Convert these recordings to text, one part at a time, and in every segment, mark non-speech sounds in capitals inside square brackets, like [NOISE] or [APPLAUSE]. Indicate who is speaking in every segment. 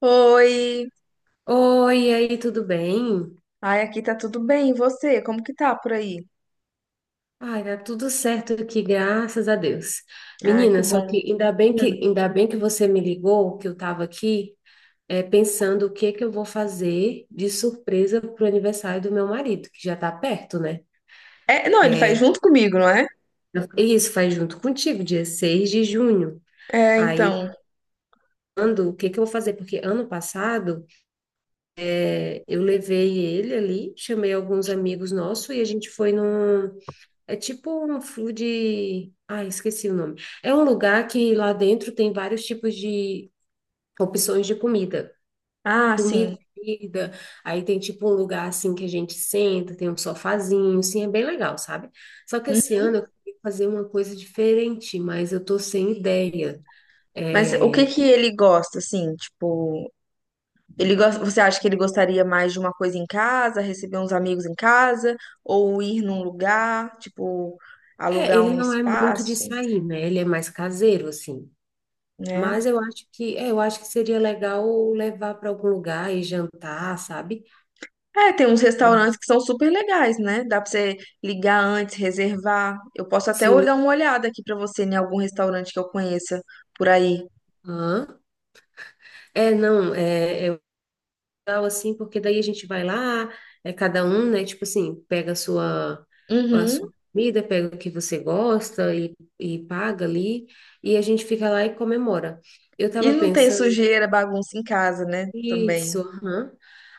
Speaker 1: Oi!
Speaker 2: Oi, e aí, tudo bem?
Speaker 1: Ai, aqui tá tudo bem. E você? Como que tá por aí?
Speaker 2: Ai, tá tudo certo aqui, graças a Deus.
Speaker 1: Ai, que
Speaker 2: Menina, só que
Speaker 1: bom.
Speaker 2: ainda bem que
Speaker 1: Hum.
Speaker 2: ainda bem que você me ligou, que eu estava aqui pensando o que que eu vou fazer de surpresa pro aniversário do meu marido, que já tá perto, né?
Speaker 1: É, não, ele faz junto comigo, não é?
Speaker 2: E isso faz junto contigo, dia 6 de junho.
Speaker 1: É,
Speaker 2: Aí,
Speaker 1: então.
Speaker 2: quando, o que que eu vou fazer? Porque ano passado eu levei ele ali, chamei alguns amigos nossos e a gente foi num. É tipo um food. Ah, esqueci o nome. É um lugar que lá dentro tem vários tipos de opções de comida.
Speaker 1: Ah, sim.
Speaker 2: Comida, bebida. Aí tem tipo um lugar assim que a gente senta, tem um sofazinho, assim, é bem legal, sabe? Só que esse
Speaker 1: Hum.
Speaker 2: ano eu queria fazer uma coisa diferente, mas eu tô sem ideia.
Speaker 1: Mas o
Speaker 2: É.
Speaker 1: que que ele gosta, assim? Tipo, ele gosta, você acha que ele gostaria mais de uma coisa em casa, receber uns amigos em casa, ou ir num lugar, tipo,
Speaker 2: É,
Speaker 1: alugar
Speaker 2: ele
Speaker 1: um
Speaker 2: não é muito de
Speaker 1: espaço,
Speaker 2: sair, né? Ele é mais caseiro, assim. Mas
Speaker 1: né?
Speaker 2: eu acho que, é, eu acho que seria legal levar para algum lugar e jantar, sabe?
Speaker 1: É, tem uns restaurantes que são super legais, né? Dá pra você ligar antes, reservar. Eu posso até
Speaker 2: Sim.
Speaker 1: dar uma olhada aqui pra você em algum restaurante que eu conheça por aí.
Speaker 2: Aham. É, não, é legal assim, porque daí a gente vai lá, é cada um, né? Tipo assim, pega a
Speaker 1: Uhum.
Speaker 2: sua comida, pega o que você gosta e paga ali, e a gente fica lá e comemora. Eu
Speaker 1: E
Speaker 2: tava
Speaker 1: não tem
Speaker 2: pensando
Speaker 1: sujeira, bagunça em casa, né? Também.
Speaker 2: isso, aham.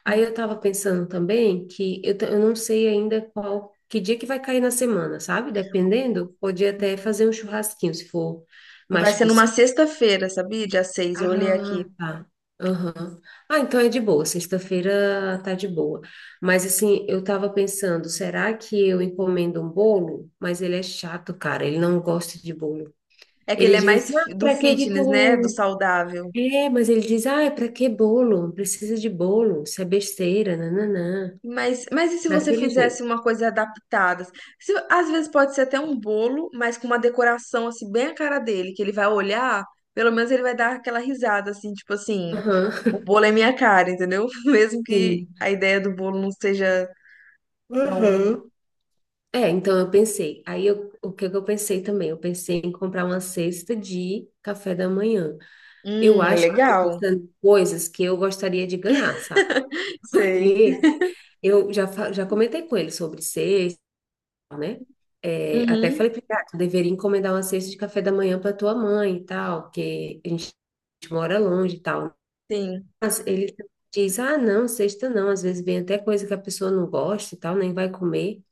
Speaker 2: Aí eu tava pensando também que eu não sei ainda qual, que dia que vai cair na semana, sabe? Dependendo, podia até fazer um churrasquinho, se for mais
Speaker 1: Vai ser
Speaker 2: tipo
Speaker 1: numa sexta-feira, sabia? Dia 6. Eu olhei
Speaker 2: Ah,
Speaker 1: aqui.
Speaker 2: tá. Aham. Ah, então é de boa. Sexta-feira tá de boa. Mas assim, eu tava pensando, será que eu encomendo um bolo? Mas ele é chato, cara. Ele não gosta de bolo.
Speaker 1: É que ele
Speaker 2: Ele
Speaker 1: é
Speaker 2: diz
Speaker 1: mais
Speaker 2: assim, ah,
Speaker 1: do
Speaker 2: pra que que
Speaker 1: fitness, né? Do
Speaker 2: tu.
Speaker 1: saudável.
Speaker 2: É, mas ele diz, ah, é pra que bolo? Não precisa de bolo. Isso é besteira, nananã.
Speaker 1: Mas e se você
Speaker 2: Daquele jeito.
Speaker 1: fizesse uma coisa adaptada? Às vezes pode ser até um bolo, mas com uma decoração assim bem a cara dele, que ele vai olhar, pelo menos ele vai dar aquela risada assim, tipo assim,
Speaker 2: Aham,
Speaker 1: o bolo é minha cara, entendeu? [LAUGHS] Mesmo que
Speaker 2: sim.
Speaker 1: a ideia do bolo não seja tão,
Speaker 2: Uhum. É, então eu pensei. O que que eu pensei também? Eu pensei em comprar uma cesta de café da manhã. Eu
Speaker 1: é
Speaker 2: acho que eu tô
Speaker 1: legal.
Speaker 2: pensando em coisas que eu gostaria de ganhar, sabe? [LAUGHS]
Speaker 1: Sei.
Speaker 2: Porque eu já comentei com ele sobre cesta, né? É, até
Speaker 1: Uhum,
Speaker 2: falei para ele, ah, tu deveria encomendar uma cesta de café da manhã para tua mãe e tal, que a gente mora longe e tal.
Speaker 1: sim.
Speaker 2: Mas ele diz, ah, não, cesta não, às vezes vem até coisa que a pessoa não gosta e tal, nem vai comer.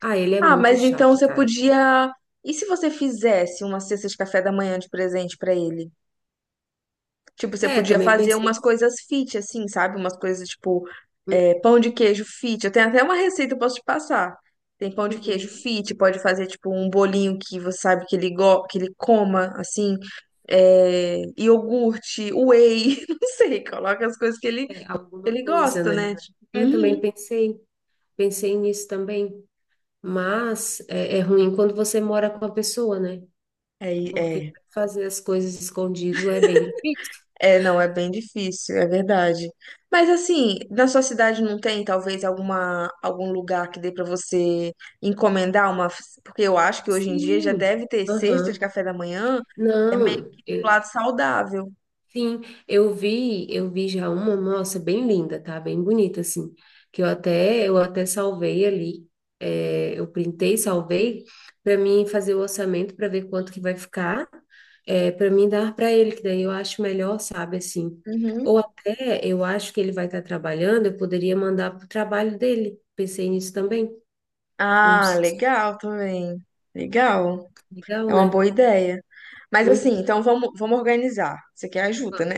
Speaker 2: Ah, ele é
Speaker 1: Ah,
Speaker 2: muito
Speaker 1: mas então
Speaker 2: chato,
Speaker 1: você
Speaker 2: cara.
Speaker 1: podia. E se você fizesse uma cesta de café da manhã de presente pra ele? Tipo, você
Speaker 2: É,
Speaker 1: podia
Speaker 2: também
Speaker 1: fazer
Speaker 2: pensei.
Speaker 1: umas coisas fit, assim, sabe? Umas coisas tipo
Speaker 2: Hum.
Speaker 1: é, pão de queijo fit. Eu tenho até uma receita, eu posso te passar. Tem pão de queijo
Speaker 2: Uhum.
Speaker 1: fit, pode fazer tipo um bolinho que você sabe que ele, go que ele coma, assim. É, iogurte, whey, [LAUGHS] não sei, coloca as coisas que
Speaker 2: É, alguma
Speaker 1: ele
Speaker 2: coisa,
Speaker 1: gosta,
Speaker 2: né?
Speaker 1: né?
Speaker 2: É, também
Speaker 1: Uhum.
Speaker 2: pensei, pensei nisso também. Mas é, é ruim quando você mora com a pessoa, né?
Speaker 1: É,
Speaker 2: Porque
Speaker 1: é.
Speaker 2: fazer as coisas escondido é bem difícil.
Speaker 1: É, não, é bem difícil, é verdade. Mas assim, na sua cidade não tem talvez algum lugar que dê para você encomendar uma, porque eu acho que hoje em dia já
Speaker 2: Sim.
Speaker 1: deve ter cesta de
Speaker 2: Aham.
Speaker 1: café da manhã, é meio
Speaker 2: Não.
Speaker 1: que do lado saudável.
Speaker 2: Sim, eu vi já uma, nossa, bem linda, tá? Bem bonita, assim, que eu até salvei ali, é, eu printei, salvei, para mim fazer o orçamento para ver quanto que vai ficar, é, para mim dar para ele, que daí eu acho melhor, sabe, assim. Ou
Speaker 1: Uhum.
Speaker 2: até eu acho que ele vai estar trabalhando, eu poderia mandar pro trabalho dele. Pensei nisso também. Não
Speaker 1: Ah,
Speaker 2: sei,
Speaker 1: legal também. Legal.
Speaker 2: legal,
Speaker 1: É uma
Speaker 2: né?
Speaker 1: boa ideia. Mas assim,
Speaker 2: Hum,
Speaker 1: então vamos organizar. Você quer ajuda,
Speaker 2: vamos.
Speaker 1: né?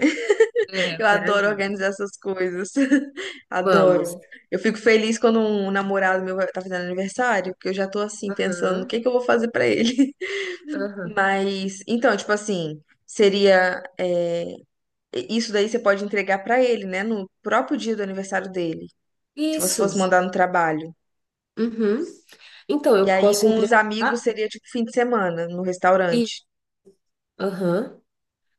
Speaker 2: É, eu
Speaker 1: Eu
Speaker 2: quero
Speaker 1: adoro
Speaker 2: ajuda.
Speaker 1: organizar essas coisas. [LAUGHS]
Speaker 2: Vamos.
Speaker 1: Adoro. Eu fico feliz quando um namorado meu tá fazendo aniversário, porque eu já tô assim pensando o
Speaker 2: Aham,
Speaker 1: que que eu vou fazer pra ele. [LAUGHS]
Speaker 2: aham.
Speaker 1: Mas, então, tipo assim, seria é, isso daí você pode entregar pra ele, né, no próprio dia do aniversário dele, se você
Speaker 2: Isso.
Speaker 1: fosse mandar no trabalho.
Speaker 2: Uhum. Então,
Speaker 1: E
Speaker 2: eu
Speaker 1: aí
Speaker 2: posso
Speaker 1: com os
Speaker 2: entregar
Speaker 1: amigos seria tipo fim de semana no
Speaker 2: e,
Speaker 1: restaurante.
Speaker 2: aham,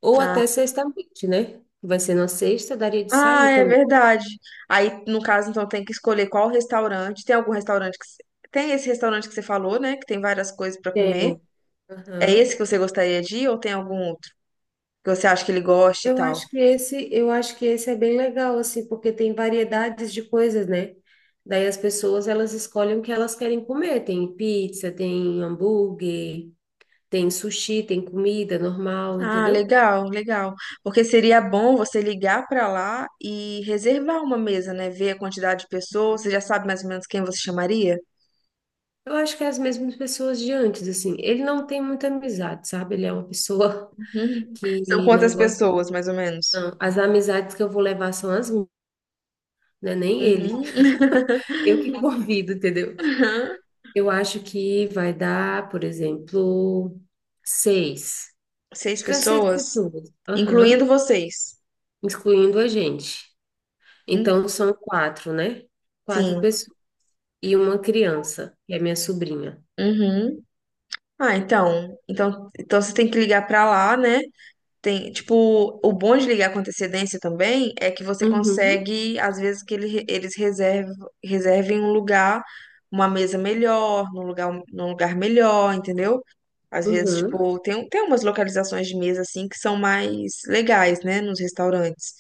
Speaker 2: ou até
Speaker 1: Ah,
Speaker 2: sexta-noite, né? Vai ser na sexta, daria de
Speaker 1: Ah,
Speaker 2: sair
Speaker 1: é
Speaker 2: também.
Speaker 1: verdade. Aí, no caso, então, tem que escolher qual restaurante. Tem algum restaurante que... Tem esse restaurante que você falou, né? Que tem várias coisas pra comer.
Speaker 2: Tem.
Speaker 1: É esse
Speaker 2: Aham.
Speaker 1: que você gostaria de ir ou tem algum outro que você acha que ele goste e
Speaker 2: Eu
Speaker 1: tal?
Speaker 2: acho que esse, eu acho que esse é bem legal, assim, porque tem variedades de coisas, né? Daí as pessoas, elas escolhem o que elas querem comer. Tem pizza, tem hambúrguer, tem sushi, tem comida normal,
Speaker 1: Ah,
Speaker 2: entendeu?
Speaker 1: legal, legal. Porque seria bom você ligar pra lá e reservar uma mesa, né? Ver a quantidade de pessoas. Você já sabe mais ou menos quem você chamaria?
Speaker 2: Eu acho que é as mesmas pessoas de antes, assim. Ele não tem muita amizade, sabe? Ele é uma pessoa [LAUGHS]
Speaker 1: Uhum. São
Speaker 2: que não
Speaker 1: quantas
Speaker 2: gosta.
Speaker 1: pessoas, mais ou menos?
Speaker 2: Não, as amizades que eu vou levar são as minhas, né? Nem ele.
Speaker 1: Uhum.
Speaker 2: Eu que convido, entendeu?
Speaker 1: [LAUGHS]
Speaker 2: Eu acho que vai dar, por exemplo, seis.
Speaker 1: Seis
Speaker 2: Acho que é seis
Speaker 1: pessoas,
Speaker 2: pessoas. Aham.
Speaker 1: incluindo vocês.
Speaker 2: Incluindo a gente. Então são quatro, né? Quatro
Speaker 1: Sim.
Speaker 2: pessoas. E uma criança, que é minha sobrinha.
Speaker 1: Uhum. Ah, então você tem que ligar pra lá, né? Tem, tipo, o bom de ligar com antecedência também é que você
Speaker 2: Uhum.
Speaker 1: consegue, às vezes, que eles reservem um lugar, uma mesa melhor, num lugar melhor, entendeu? Às vezes,
Speaker 2: Uhum.
Speaker 1: tipo, tem, tem umas localizações de mesa assim que são mais legais, né, nos restaurantes.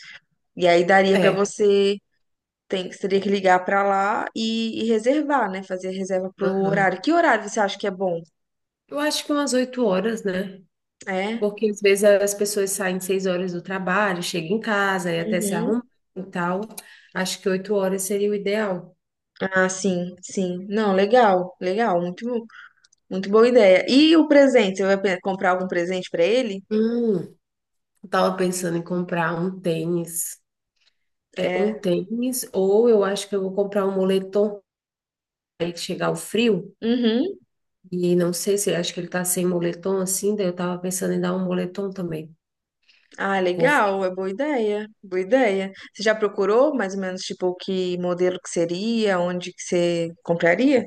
Speaker 1: E aí daria pra
Speaker 2: É.
Speaker 1: você, tem, você teria que ligar pra lá e reservar, né, fazer reserva pro horário.
Speaker 2: Aham.
Speaker 1: Que horário você acha que é bom?
Speaker 2: Eu acho que umas 8 horas, né?
Speaker 1: É?
Speaker 2: Porque às vezes as pessoas saem 6 horas do trabalho, chegam em casa e até se
Speaker 1: Uhum.
Speaker 2: arrumam e tal. Acho que 8 horas seria o ideal.
Speaker 1: Ah, sim, sim. Não, legal, legal, muito, muito boa ideia. E o presente? Você vai comprar algum presente pra ele?
Speaker 2: Hum, eu tava pensando em comprar um tênis. É, um
Speaker 1: É.
Speaker 2: tênis, ou eu acho que eu vou comprar um moletom aí que chegar o frio.
Speaker 1: Uhum.
Speaker 2: E não sei se acho que ele tá sem moletom assim, daí eu tava pensando em dar um moletom também.
Speaker 1: Ah,
Speaker 2: Vou ver.
Speaker 1: legal, é boa ideia, boa ideia. Você já procurou mais ou menos tipo que modelo que seria, onde que você compraria?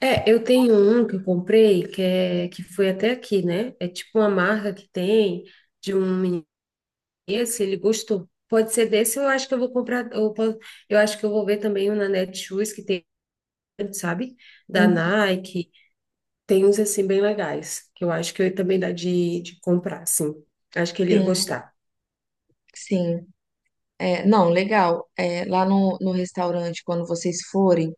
Speaker 2: É, eu tenho um que eu comprei que é que foi até aqui, né? É tipo uma marca que tem de um menino se ele gostou. Pode ser desse, eu acho que eu vou comprar. Eu acho que eu vou ver também um na Netshoes que tem, sabe? Da
Speaker 1: Uhum.
Speaker 2: Nike. Tem uns assim bem legais, que eu acho que eu também dá de comprar, sim. Acho que ele ia
Speaker 1: Sim,
Speaker 2: gostar.
Speaker 1: sim. É, não, legal. É, lá no restaurante, quando vocês forem,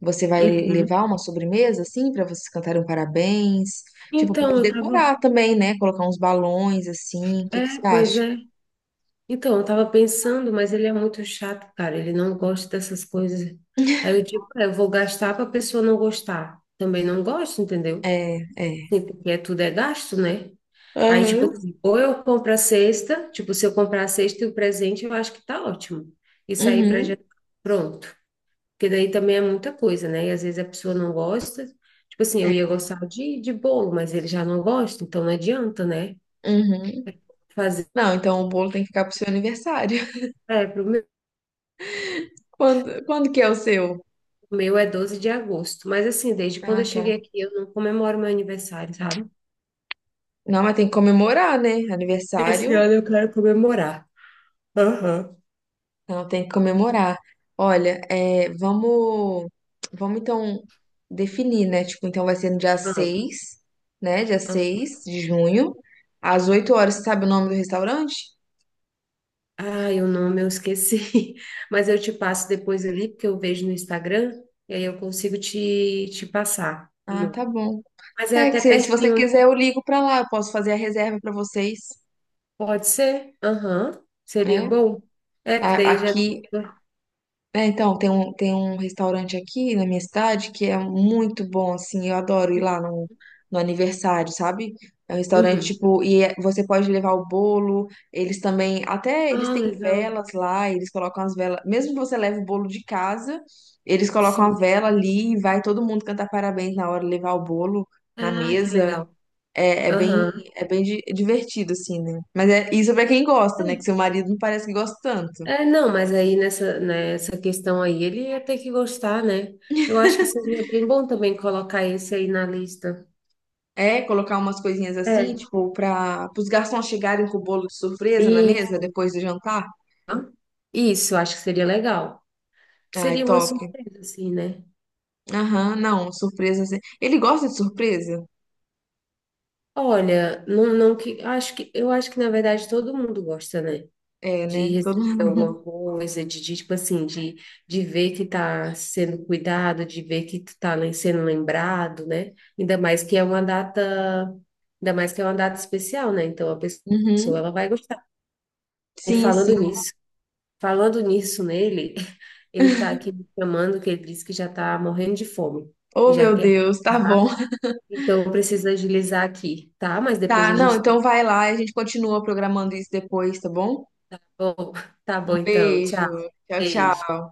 Speaker 1: você vai
Speaker 2: Uhum.
Speaker 1: levar uma sobremesa, assim, para vocês cantarem um parabéns? Tipo,
Speaker 2: Então,
Speaker 1: pode
Speaker 2: eu tava.
Speaker 1: decorar também, né? Colocar uns balões, assim. O que que você
Speaker 2: É, pois
Speaker 1: acha?
Speaker 2: é. Então, eu tava pensando, mas ele é muito chato, cara. Ele não gosta dessas coisas. Aí eu digo, é, eu vou gastar para a pessoa não gostar. Também não gosta, entendeu?
Speaker 1: É, é.
Speaker 2: Sim, porque é- tudo é gasto, né? Aí, tipo
Speaker 1: Aham.
Speaker 2: assim, ou eu compro a cesta, tipo, se eu comprar a cesta e o presente, eu acho que tá ótimo. Isso aí pra
Speaker 1: Uhum.
Speaker 2: já pronto. Porque daí também é muita coisa, né? E às vezes a pessoa não gosta. Tipo assim, eu ia
Speaker 1: É.
Speaker 2: gostar de bolo, mas ele já não gosta, então não adianta, né?
Speaker 1: Uhum.
Speaker 2: Fazer.
Speaker 1: Não, então o bolo tem que ficar pro seu aniversário.
Speaker 2: É, pro meu,
Speaker 1: [LAUGHS] Quando que é o seu?
Speaker 2: o meu é 12 de agosto. Mas assim, desde quando eu
Speaker 1: Ah, tá.
Speaker 2: cheguei aqui, eu não comemoro meu aniversário, sabe?
Speaker 1: Não, mas tem que comemorar, né?
Speaker 2: Esse
Speaker 1: Aniversário.
Speaker 2: ano eu quero comemorar. Aham.
Speaker 1: Ela tem que comemorar. Olha, é, vamos, vamos então definir, né? Tipo, então vai ser no dia 6, né? Dia
Speaker 2: Não.
Speaker 1: 6 de junho, às 8 horas. Você sabe o nome do restaurante?
Speaker 2: Ai, o nome eu esqueci, [LAUGHS] mas eu te passo depois ali, porque eu vejo no Instagram, e aí eu consigo te, te passar o
Speaker 1: Ah,
Speaker 2: nome.
Speaker 1: tá bom.
Speaker 2: Mas é
Speaker 1: É que
Speaker 2: até
Speaker 1: se você
Speaker 2: pertinho,
Speaker 1: quiser, eu ligo pra lá. Eu posso fazer a reserva pra vocês,
Speaker 2: pode ser? Aham. Seria
Speaker 1: né?
Speaker 2: bom? É que daí já.
Speaker 1: Aqui, é, então, tem um restaurante aqui na minha cidade que é muito bom, assim, eu adoro ir lá no aniversário, sabe? É um restaurante,
Speaker 2: Uhum.
Speaker 1: tipo, você pode levar o bolo, eles também, até eles
Speaker 2: Ah,
Speaker 1: têm
Speaker 2: legal,
Speaker 1: velas lá, eles colocam as velas, mesmo que você leve o bolo de casa, eles colocam
Speaker 2: sim.
Speaker 1: a vela ali e vai todo mundo cantar parabéns na hora, levar o bolo na
Speaker 2: Ah, que
Speaker 1: mesa,
Speaker 2: legal.
Speaker 1: é, é bem,
Speaker 2: Aham.
Speaker 1: é divertido, assim, né? Mas é isso é pra quem gosta, né?
Speaker 2: É,
Speaker 1: Que seu marido não parece que gosta tanto.
Speaker 2: É, não, mas aí nessa, nessa questão aí ele ia ter que gostar, né? Eu acho que seria bem bom também colocar esse aí na lista.
Speaker 1: É, colocar umas coisinhas assim,
Speaker 2: É.
Speaker 1: tipo, para os garçons chegarem com o bolo de surpresa na
Speaker 2: E
Speaker 1: mesa depois do jantar.
Speaker 2: isso, eu acho que seria legal.
Speaker 1: Ai,
Speaker 2: Seria uma
Speaker 1: top.
Speaker 2: surpresa, assim, né?
Speaker 1: Aham, não, surpresa. Assim. Ele gosta de surpresa?
Speaker 2: Olha, não, não que, acho que, eu acho que, na verdade, todo mundo gosta, né?
Speaker 1: É,
Speaker 2: De
Speaker 1: né? Todo
Speaker 2: receber
Speaker 1: mundo.
Speaker 2: alguma coisa, de, tipo assim, de ver que tá sendo cuidado, de ver que tu tá sendo lembrado, né? Ainda mais que é uma data, ainda mais que é uma data especial, né? Então, a pessoa,
Speaker 1: Uhum.
Speaker 2: ela vai gostar. E
Speaker 1: Sim, sim.
Speaker 2: falando nisso nele, [LAUGHS] ele tá aqui me chamando, que ele disse que já tá morrendo de fome,
Speaker 1: Oh,
Speaker 2: já
Speaker 1: meu
Speaker 2: quer.
Speaker 1: Deus, tá bom. [LAUGHS]
Speaker 2: Então, eu preciso agilizar aqui, tá? Mas depois
Speaker 1: Tá,
Speaker 2: a
Speaker 1: não,
Speaker 2: gente.
Speaker 1: então vai lá, a gente continua programando isso depois, tá bom?
Speaker 2: Tá bom, tá
Speaker 1: Um
Speaker 2: bom então. Tchau.
Speaker 1: beijo. Tchau, tchau.
Speaker 2: Beijo.